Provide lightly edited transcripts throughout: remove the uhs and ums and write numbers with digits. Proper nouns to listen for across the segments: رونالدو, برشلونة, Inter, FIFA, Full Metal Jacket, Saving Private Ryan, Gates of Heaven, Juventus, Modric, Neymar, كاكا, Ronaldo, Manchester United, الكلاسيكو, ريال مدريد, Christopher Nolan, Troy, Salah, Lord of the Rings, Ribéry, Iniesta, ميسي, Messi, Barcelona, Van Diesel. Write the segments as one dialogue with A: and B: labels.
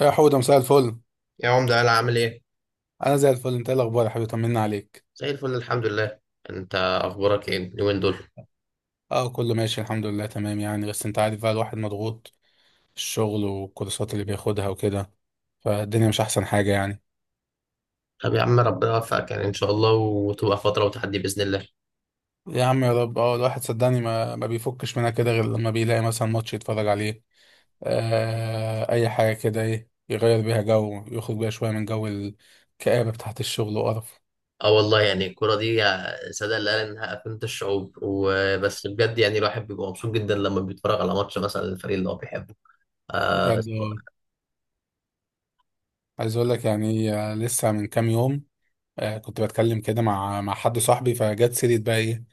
A: يا حودة، مساء الفل.
B: يا عمدة، يلا عامل ايه؟
A: انا زي الفل. انت ايه الاخبار يا حبيبي؟ طمنا عليك.
B: زي الفل الحمد لله. انت اخبارك ايه اليومين دول؟
A: اه، كله ماشي الحمد لله، تمام يعني. بس انت عارف بقى الواحد مضغوط، الشغل والكورسات اللي بياخدها وكده، فالدنيا مش احسن حاجة يعني.
B: طب يا عم ربنا يوفقك، يعني ان شاء الله وتبقى فترة وتحدي باذن الله.
A: يا عم، يا رب. اه، الواحد صدقني ما بيفكش منها كده غير لما بيلاقي مثلا ماتش يتفرج عليه. آه، اي حاجة كده، ايه يغير بيها جو، يخرج بيها شوية من جو الكآبة بتاعت الشغل وقرف.
B: اه، والله يعني الكرة دي سادة اللي قال انها أفنت الشعوب وبس. بجد يعني الواحد بيبقى مبسوط جدا لما بيتفرج على ماتش مثلا الفريق اللي هو بيحبه. اه.
A: بجد، آه. عايز اقول لك يعني، لسه من كام يوم، كنت بتكلم كده مع حد صاحبي، فجت سيرة بقى ايه.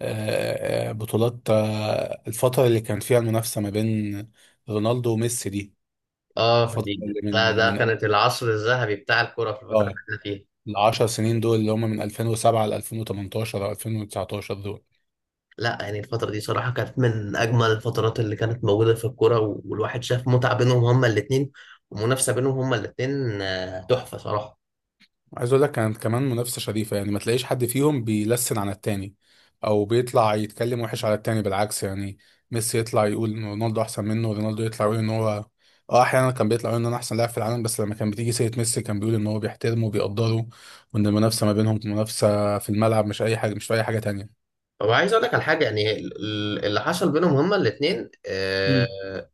A: بطولات، الفترة اللي كان فيها المنافسة ما بين رونالدو وميسي دي.
B: اه
A: الفترة
B: دي.
A: اللي
B: ده,
A: من
B: ده
A: من
B: كانت العصر الذهبي بتاع الكرة في الفترة اللي
A: اه
B: احنا فيها.
A: العشر سنين دول، اللي هم من 2007 ل 2018 او 2019 دول.
B: لا يعني الفترة دي صراحة كانت من أجمل الفترات اللي كانت موجودة في الكورة، والواحد شاف متعة بينهم هما الاتنين، ومنافسة بينهم هما الاتنين. تحفة صراحة.
A: عايز اقول لك كانت كمان منافسه شريفه يعني، ما تلاقيش حد فيهم بيلسن على التاني، او بيطلع يتكلم وحش على التاني، بالعكس يعني. ميسي يطلع يقول ان رونالدو احسن منه، ورونالدو يطلع يقول ان هو، اه، احيانا كان بيطلع يقول ان انا احسن لاعب في العالم، بس لما كان بتيجي سيره ميسي كان بيقول ان هو بيحترمه وبيقدره، وان المنافسه ما بينهم منافسه في الملعب مش اي حاجه، مش في اي حاجه تانيه.
B: هو عايز أقول لك على حاجة، يعني اللي حصل بينهم هما الاتنين.
A: امم.
B: آه،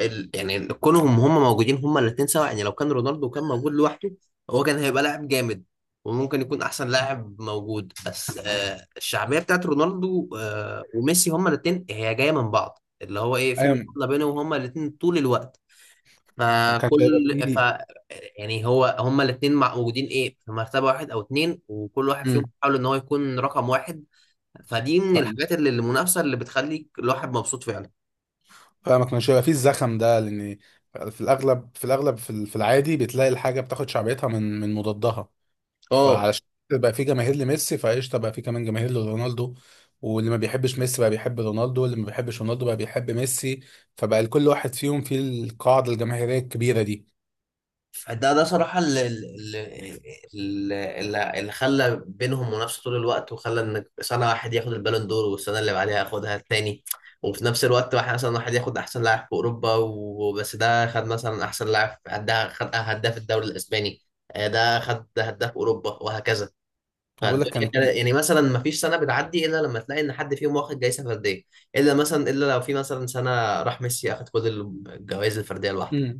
B: ال- يعني كونهم هما موجودين هما الاتنين سوا، يعني لو كان رونالدو كان موجود لوحده هو كان هيبقى لاعب جامد وممكن يكون أحسن لاعب موجود، بس الشعبية بتاعت رونالدو وميسي هما الاتنين هي جاية من بعض، اللي هو إيه، في
A: ايوه.
B: مقارنة بينهم هما الاتنين طول الوقت.
A: ما كانش هيبقى
B: فكل ف
A: فيه.
B: يعني هو هما الاثنين موجودين، ايه، في مرتبه واحد او اتنين، وكل واحد فيهم
A: امم.
B: بيحاول ان هو يكون رقم واحد. فدي من
A: فاهم.
B: الحاجات اللي المنافسه اللي بتخليك الواحد مبسوط فعلا.
A: فما كانش هيبقى فيه الزخم ده، لان في الاغلب، في الاغلب، في العادي بتلاقي الحاجه بتاخد شعبيتها من مضادها.
B: اه.
A: فعلشان بقى في جماهير لميسي فقشطه، بقى في كمان جماهير لرونالدو، واللي ما بيحبش ميسي بقى بيحب رونالدو، واللي ما بيحبش رونالدو بقى بيحب ميسي. فبقى لكل واحد فيهم في القاعده الجماهيريه الكبيره دي.
B: فده صراحة اللي اللي خلى بينهم منافسة طول الوقت، وخلى ان سنة واحد ياخد البالون دور والسنة اللي بعدها ياخدها التاني. وفي نفس الوقت واحد مثلا، واحد ياخد احسن لاعب في اوروبا وبس، ده خد مثلا احسن لاعب هداف، خد هداف الدوري الاسباني. ده خد هداف اوروبا وهكذا.
A: انا بقول لك كان.
B: يعني مثلا ما فيش سنة بتعدي الا لما تلاقي ان حد فيهم واخد جايزة فردية، الا مثلا الا لو في مثلا سنة راح ميسي اخد كل الجوائز الفردية لوحده.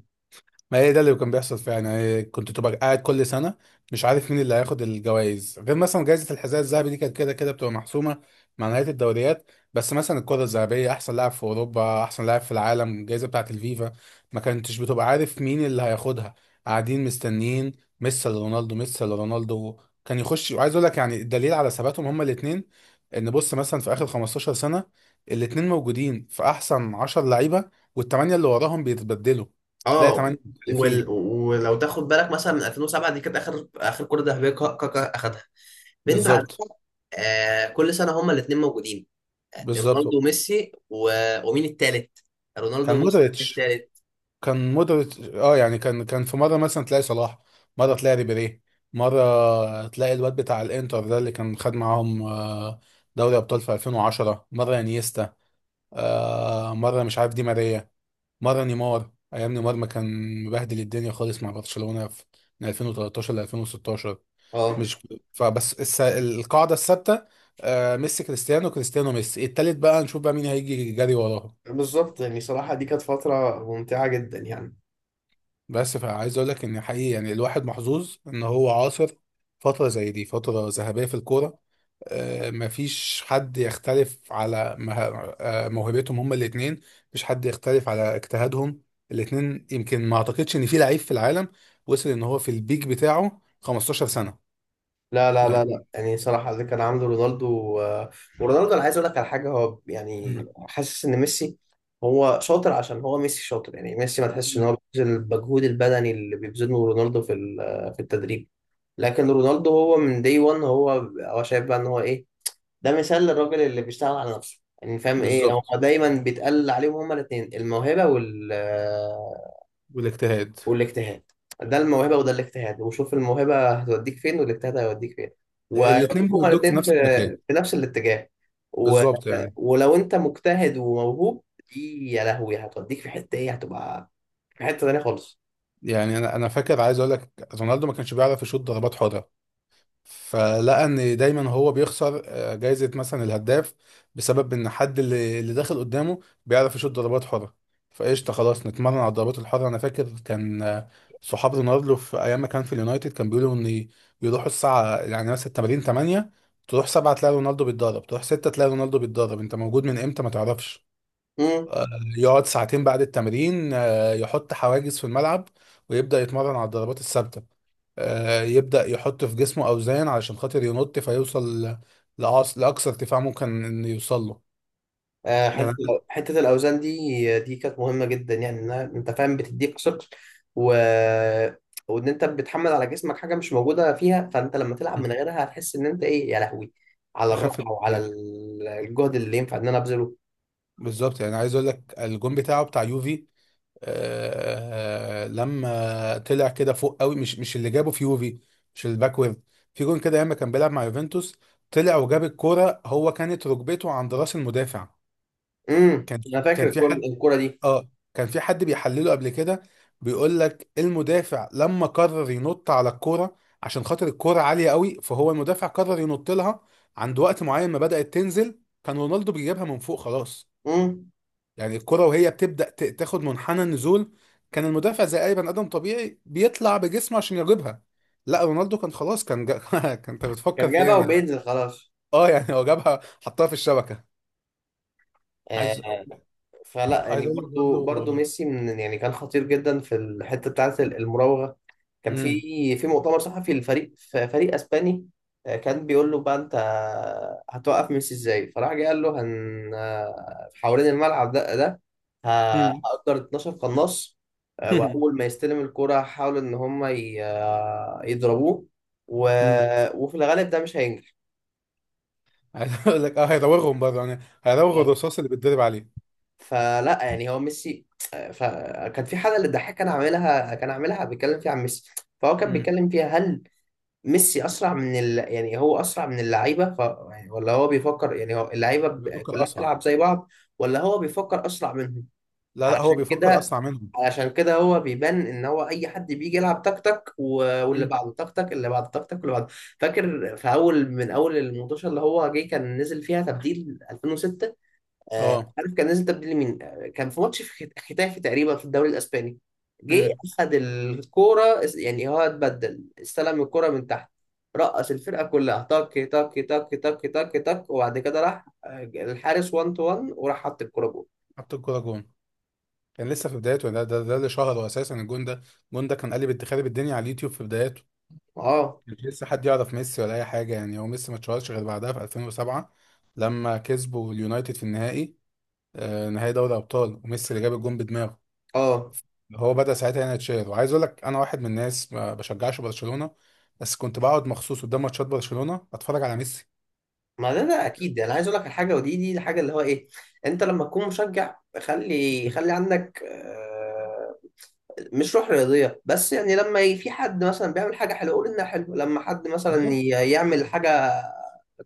A: ما هي ده اللي كان بيحصل فعلا يعني، كنت تبقى قاعد كل سنه مش عارف مين اللي هياخد الجوائز، غير مثلا جائزه الحذاء الذهبي دي كانت كده كده بتبقى محسومه مع نهايه الدوريات. بس مثلا الكره الذهبيه، احسن لاعب في اوروبا، احسن لاعب في العالم، الجائزه بتاعه الفيفا، ما كنتش بتبقى عارف مين اللي هياخدها. قاعدين مستنيين ميسي رونالدو ميسي رونالدو كان يخش. وعايز اقول لك يعني الدليل على ثباتهم هما الاثنين، ان بص مثلا في اخر 15 سنه الاثنين موجودين في احسن 10 لعيبه، والثمانيه اللي وراهم بيتبدلوا. تلاقي
B: اه.
A: 8 اللي فيه.
B: ولو تاخد بالك مثلا من 2007 دي كانت اخر كره ذهبيه كاكا اخدها، من بعدها
A: بالظبط.
B: كل سنه هما الاثنين موجودين. آه،
A: بالظبط.
B: رونالدو وميسي ومين التالت؟ رونالدو
A: كان
B: وميسي، مين
A: مودريتش،
B: التالت؟
A: كان مودريتش. اه يعني كان في مره مثلا تلاقي صلاح، مره تلاقي ريبيري، مره تلاقي الواد بتاع الانتر ده اللي كان خد معاهم دوري ابطال في 2010، مره انيستا، مره مش عارف دي ماريا، مره نيمار ايام نيمار ما كان مبهدل الدنيا خالص مع برشلونه في من 2013 ل 2016.
B: اه.
A: مش، فبس القاعده الثابته، آه، ميسي كريستيانو كريستيانو ميسي، التالت بقى نشوف بقى مين هيجي جري وراه.
B: بالظبط، يعني صراحة دي كانت فترة ممتعة جدا يعني.
A: بس فعايز اقول لك ان حقيقي يعني الواحد محظوظ ان هو عاصر فتره زي دي، فتره ذهبيه في الكوره. مفيش حد يختلف على موهبتهم هما الاثنين، مفيش حد يختلف على اجتهادهم الاثنين. يمكن ما اعتقدش ان في لعيب في العالم وصل ان هو في البيك بتاعه 15 سنه
B: لا لا لا لا،
A: يعني.
B: يعني صراحة اللي كان عامله رونالدو. ورونالدو، أنا عايز أقول لك على حاجة، هو يعني
A: مم.
B: حاسس إن ميسي هو شاطر عشان هو، ميسي شاطر يعني. ميسي ما تحسش إن
A: مم.
B: هو بيبذل المجهود البدني اللي بيبذله رونالدو في في التدريب. لكن رونالدو هو من دي 1. هو هو شايف بقى إن هو إيه، ده مثال للراجل اللي بيشتغل على نفسه. يعني فاهم، إيه
A: بالظبط.
B: هو دايما بيتقال عليهم هما الاتنين؟ الموهبة وال،
A: والاجتهاد.
B: والاجتهاد. ده الموهبه وده الاجتهاد، وشوف الموهبه هتوديك فين والاجتهاد هيوديك فين. ويوديك
A: الاثنين
B: هما
A: بيودوك في
B: الاثنين في
A: نفس المكان.
B: في نفس الاتجاه. و...
A: بالظبط يعني.
B: ولو انت مجتهد وموهوب دي يا لهوي هتوديك في حته ايه، هتبقى في حته تانيه خالص.
A: يعني انا فاكر، عايز اقول لك رونالدو ما كانش بيعرف يشوط ضربات حره، فلقى ان دايما هو بيخسر جايزة مثلا الهداف بسبب ان حد اللي داخل قدامه بيعرف يشوط ضربات حرة. فقشطة، خلاص نتمرن على الضربات الحرة. انا فاكر كان، آه، صحاب رونالدو في ايام ما كان في اليونايتد كان بيقولوا ان يروحوا الساعة يعني مثلا التمارين 8، تروح 7 تلاقي رونالدو بيتدرب، تروح 6 تلاقي رونالدو بيتدرب، انت موجود من امتى ما تعرفش. آه، يقعد ساعتين بعد التمرين، يحط حواجز في الملعب ويبدأ يتمرن على الضربات الثابتة، يبدأ يحط في جسمه أوزان علشان خاطر ينط فيوصل لأقصى ارتفاع ممكن إنه يوصل له
B: آه،
A: يعني.
B: حته حته الاوزان دي كانت مهمه جدا، يعني انها انت فاهم بتديك ثقل، و... وان انت بتحمل على جسمك حاجه مش موجوده فيها، فانت لما تلعب من غيرها هتحس ان انت ايه يا لهوي، على
A: أخف
B: الراحه وعلى
A: بكتير.
B: الجهد اللي ينفع ان انا ابذله.
A: بالظبط يعني، عايز أقول لك الجون بتاعه بتاع يوفي، لما طلع كده فوق قوي، مش اللي جابه في يوفي، مش الباكورد. في جون كده ياما كان بيلعب مع يوفنتوس، طلع وجاب الكورة، هو كانت ركبته عند راس المدافع.
B: امم،
A: كان،
B: انا فاكر
A: كان في
B: الجون،
A: حد،
B: الكوره دي.
A: اه كان في حد بيحلله قبل كده، بيقول لك المدافع لما قرر ينط على الكوره عشان خاطر الكوره عاليه قوي، فهو المدافع قرر ينط لها عند وقت معين ما بدأت تنزل، كان رونالدو بيجيبها من فوق خلاص.
B: امم.
A: يعني الكوره وهي بتبدأ تاخد منحنى النزول، كان المدافع زي اي بني ادم طبيعي بيطلع بجسمه عشان يجيبها، لا رونالدو كان خلاص، كان كان انت بتفكر
B: كان
A: في ايه
B: جايبها
A: انا.
B: وبينزل خلاص.
A: اه يعني هو جابها، حطها في الشبكه.
B: آه،
A: عايز
B: فلا
A: عايز
B: يعني،
A: اقول لك
B: برضو
A: برضه.
B: برضو ميسي من، يعني كان خطير جدا في الحته بتاعت المراوغه. كان في مؤتمر صحفي للفريق، فريق اسباني. كان بيقول له بقى انت هتوقف ميسي ازاي، فراح جه قال له هن، حوالين الملعب ه-
A: امم.
B: هأجر 12 قناص.
A: مم.
B: واول ما يستلم الكرة هحاول ان هم يضربوه. و...
A: مم.
B: وفي الغالب ده مش هينجح.
A: عايز اقول لك، اه، هيراوغهم برضه يعني، هيراوغ الرصاص اللي بيتضرب عليه.
B: فلا يعني هو ميسي. فكان في حاجه اللي الضحاك كان عاملها، كان عاملها بيتكلم فيها عن ميسي. فهو كان
A: مم.
B: بيتكلم فيها، هل ميسي اسرع من يعني هو اسرع من اللعيبه يعني، ولا هو بيفكر يعني هو اللعيبه
A: بيفكر
B: كلها
A: اسرع.
B: بتلعب زي بعض، ولا هو بيفكر اسرع منهم؟
A: لا لا، هو
B: علشان
A: بيفكر
B: كده،
A: اسرع منهم.
B: علشان كده هو بيبان ان هو اي حد بيجي يلعب تك تك، واللي
A: مم.
B: بعده تك تك، اللي بعده تك تك، واللي بعده. فاكر في اول، من اول المنتشر اللي هو جه كان نزل فيها تبديل 2006. مش
A: اه.
B: عارف كان نازل تبديل مين. كان في ماتش في ختافي تقريبا في الدوري الاسباني. جه
A: امم.
B: اخد الكوره يعني هو اتبدل، استلم الكوره من تحت، رقص الفرقه كلها تك تك تك تك تك تك، وبعد كده راح الحارس 1 تو 1، وراح حط الكوره جول.
A: حط الكوره جون. كان لسه في بدايته، ده اللي شهره اساسا الجون ده. الجون ده كان قلب خارب الدنيا على اليوتيوب في بدايته.
B: اه.
A: مش لسه حد يعرف ميسي ولا اي حاجه، يعني هو ميسي ما اتشهرش غير بعدها في 2007 لما كسبوا اليونايتد في النهائي، آه، نهائي دوري ابطال، وميسي اللي جاب الجون بدماغه.
B: اه،
A: هو بدأ ساعتها ينتشر، وعايز اقول لك انا واحد من الناس ما بشجعش برشلونة، بس كنت بقعد مخصوص قدام ماتشات برشلونة اتفرج على ميسي.
B: ما ده ده اكيد، يعني انا عايز اقول لك الحاجه ودي، دي الحاجه اللي هو ايه، انت لما تكون مشجع خلي
A: مم.
B: عندك مش روح رياضية بس. يعني لما في حد مثلا بيعمل حاجة حلوة قول إنها حلوة، لما حد مثلا
A: بالظبط.
B: يعمل حاجة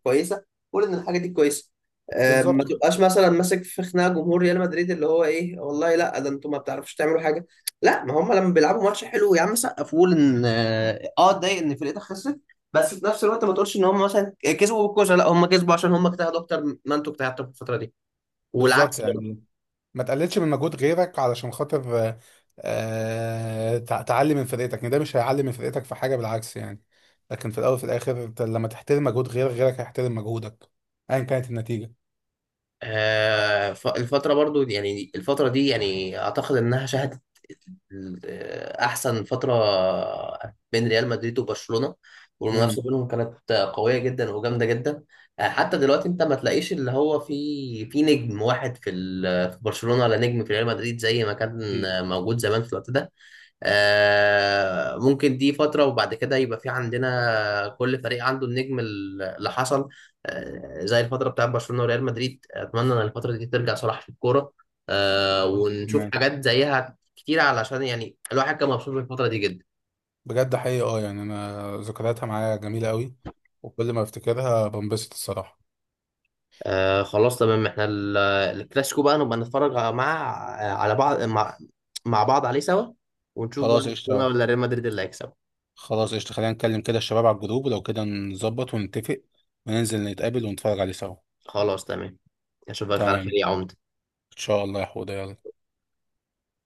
B: كويسة قول إن الحاجة دي كويسة. ما
A: بالظبط.
B: تبقاش مثلا ماسك في خناقة جمهور ريال مدريد اللي هو إيه، والله لا، ده أنتوا ما بتعرفوش تعملوا حاجة. لا، ما هم لما بيلعبوا ماتش حلو يا عم سقف، وقول إن اتضايق إن فرقتك خسرت، بس في نفس الوقت ما تقولش إن هم مثلا كسبوا بالكوسة. لا، هم كسبوا عشان هم اجتهدوا أكتر ما أنتوا اجتهدتوا في الفترة دي، والعكس.
A: بالظبط يعني، ما تقللش من مجهود غيرك علشان خاطر، تعلي من فرقتك، يعني ده مش هيعلي من فرقتك في حاجة بالعكس يعني. لكن في الاول وفي الاخر أنت لما تحترم مجهود غيرك، غيرك هيحترم مجهودك، ايا كانت النتيجة.
B: الفترة برضو يعني الفترة دي يعني أعتقد إنها شهدت أحسن فترة بين ريال مدريد وبرشلونة. والمنافسة
A: امم.
B: بينهم كانت قوية جدا وجامدة جدا. حتى دلوقتي أنت ما تلاقيش اللي هو في نجم واحد في في برشلونة، ولا نجم في ريال مدريد زي ما كان
A: مفيش.
B: موجود زمان في الوقت ده. ممكن دي فترة وبعد كده يبقى في عندنا كل فريق عنده النجم اللي حصل. زي الفترة بتاعت برشلونة وريال مدريد، أتمنى إن الفترة دي ترجع صلاح في الكورة، ونشوف
A: تمام.
B: حاجات زيها كتير، علشان يعني الواحد كان مبسوط بالفترة دي جدا.
A: بجد حقيقي اه، يعني انا ذكرياتها معايا جميله قوي، وكل ما افتكرها بنبسط الصراحه.
B: خلاص تمام، احنا الكلاسيكو بقى نبقى نتفرج مع، على بعض، مع بعض عليه سوا، ونشوف بقى
A: خلاص
B: برشلونة
A: قشطه.
B: ولا ريال مدريد اللي هيكسب.
A: خلاص قشطه، خلينا نتكلم كده الشباب على الجروب، ولو كده نظبط ونتفق وننزل نتقابل ونتفرج عليه سوا.
B: خلاص تمام، أشوفك
A: تمام
B: على خير
A: ان
B: يا عمدة.
A: شاء الله يا حوده، يلا.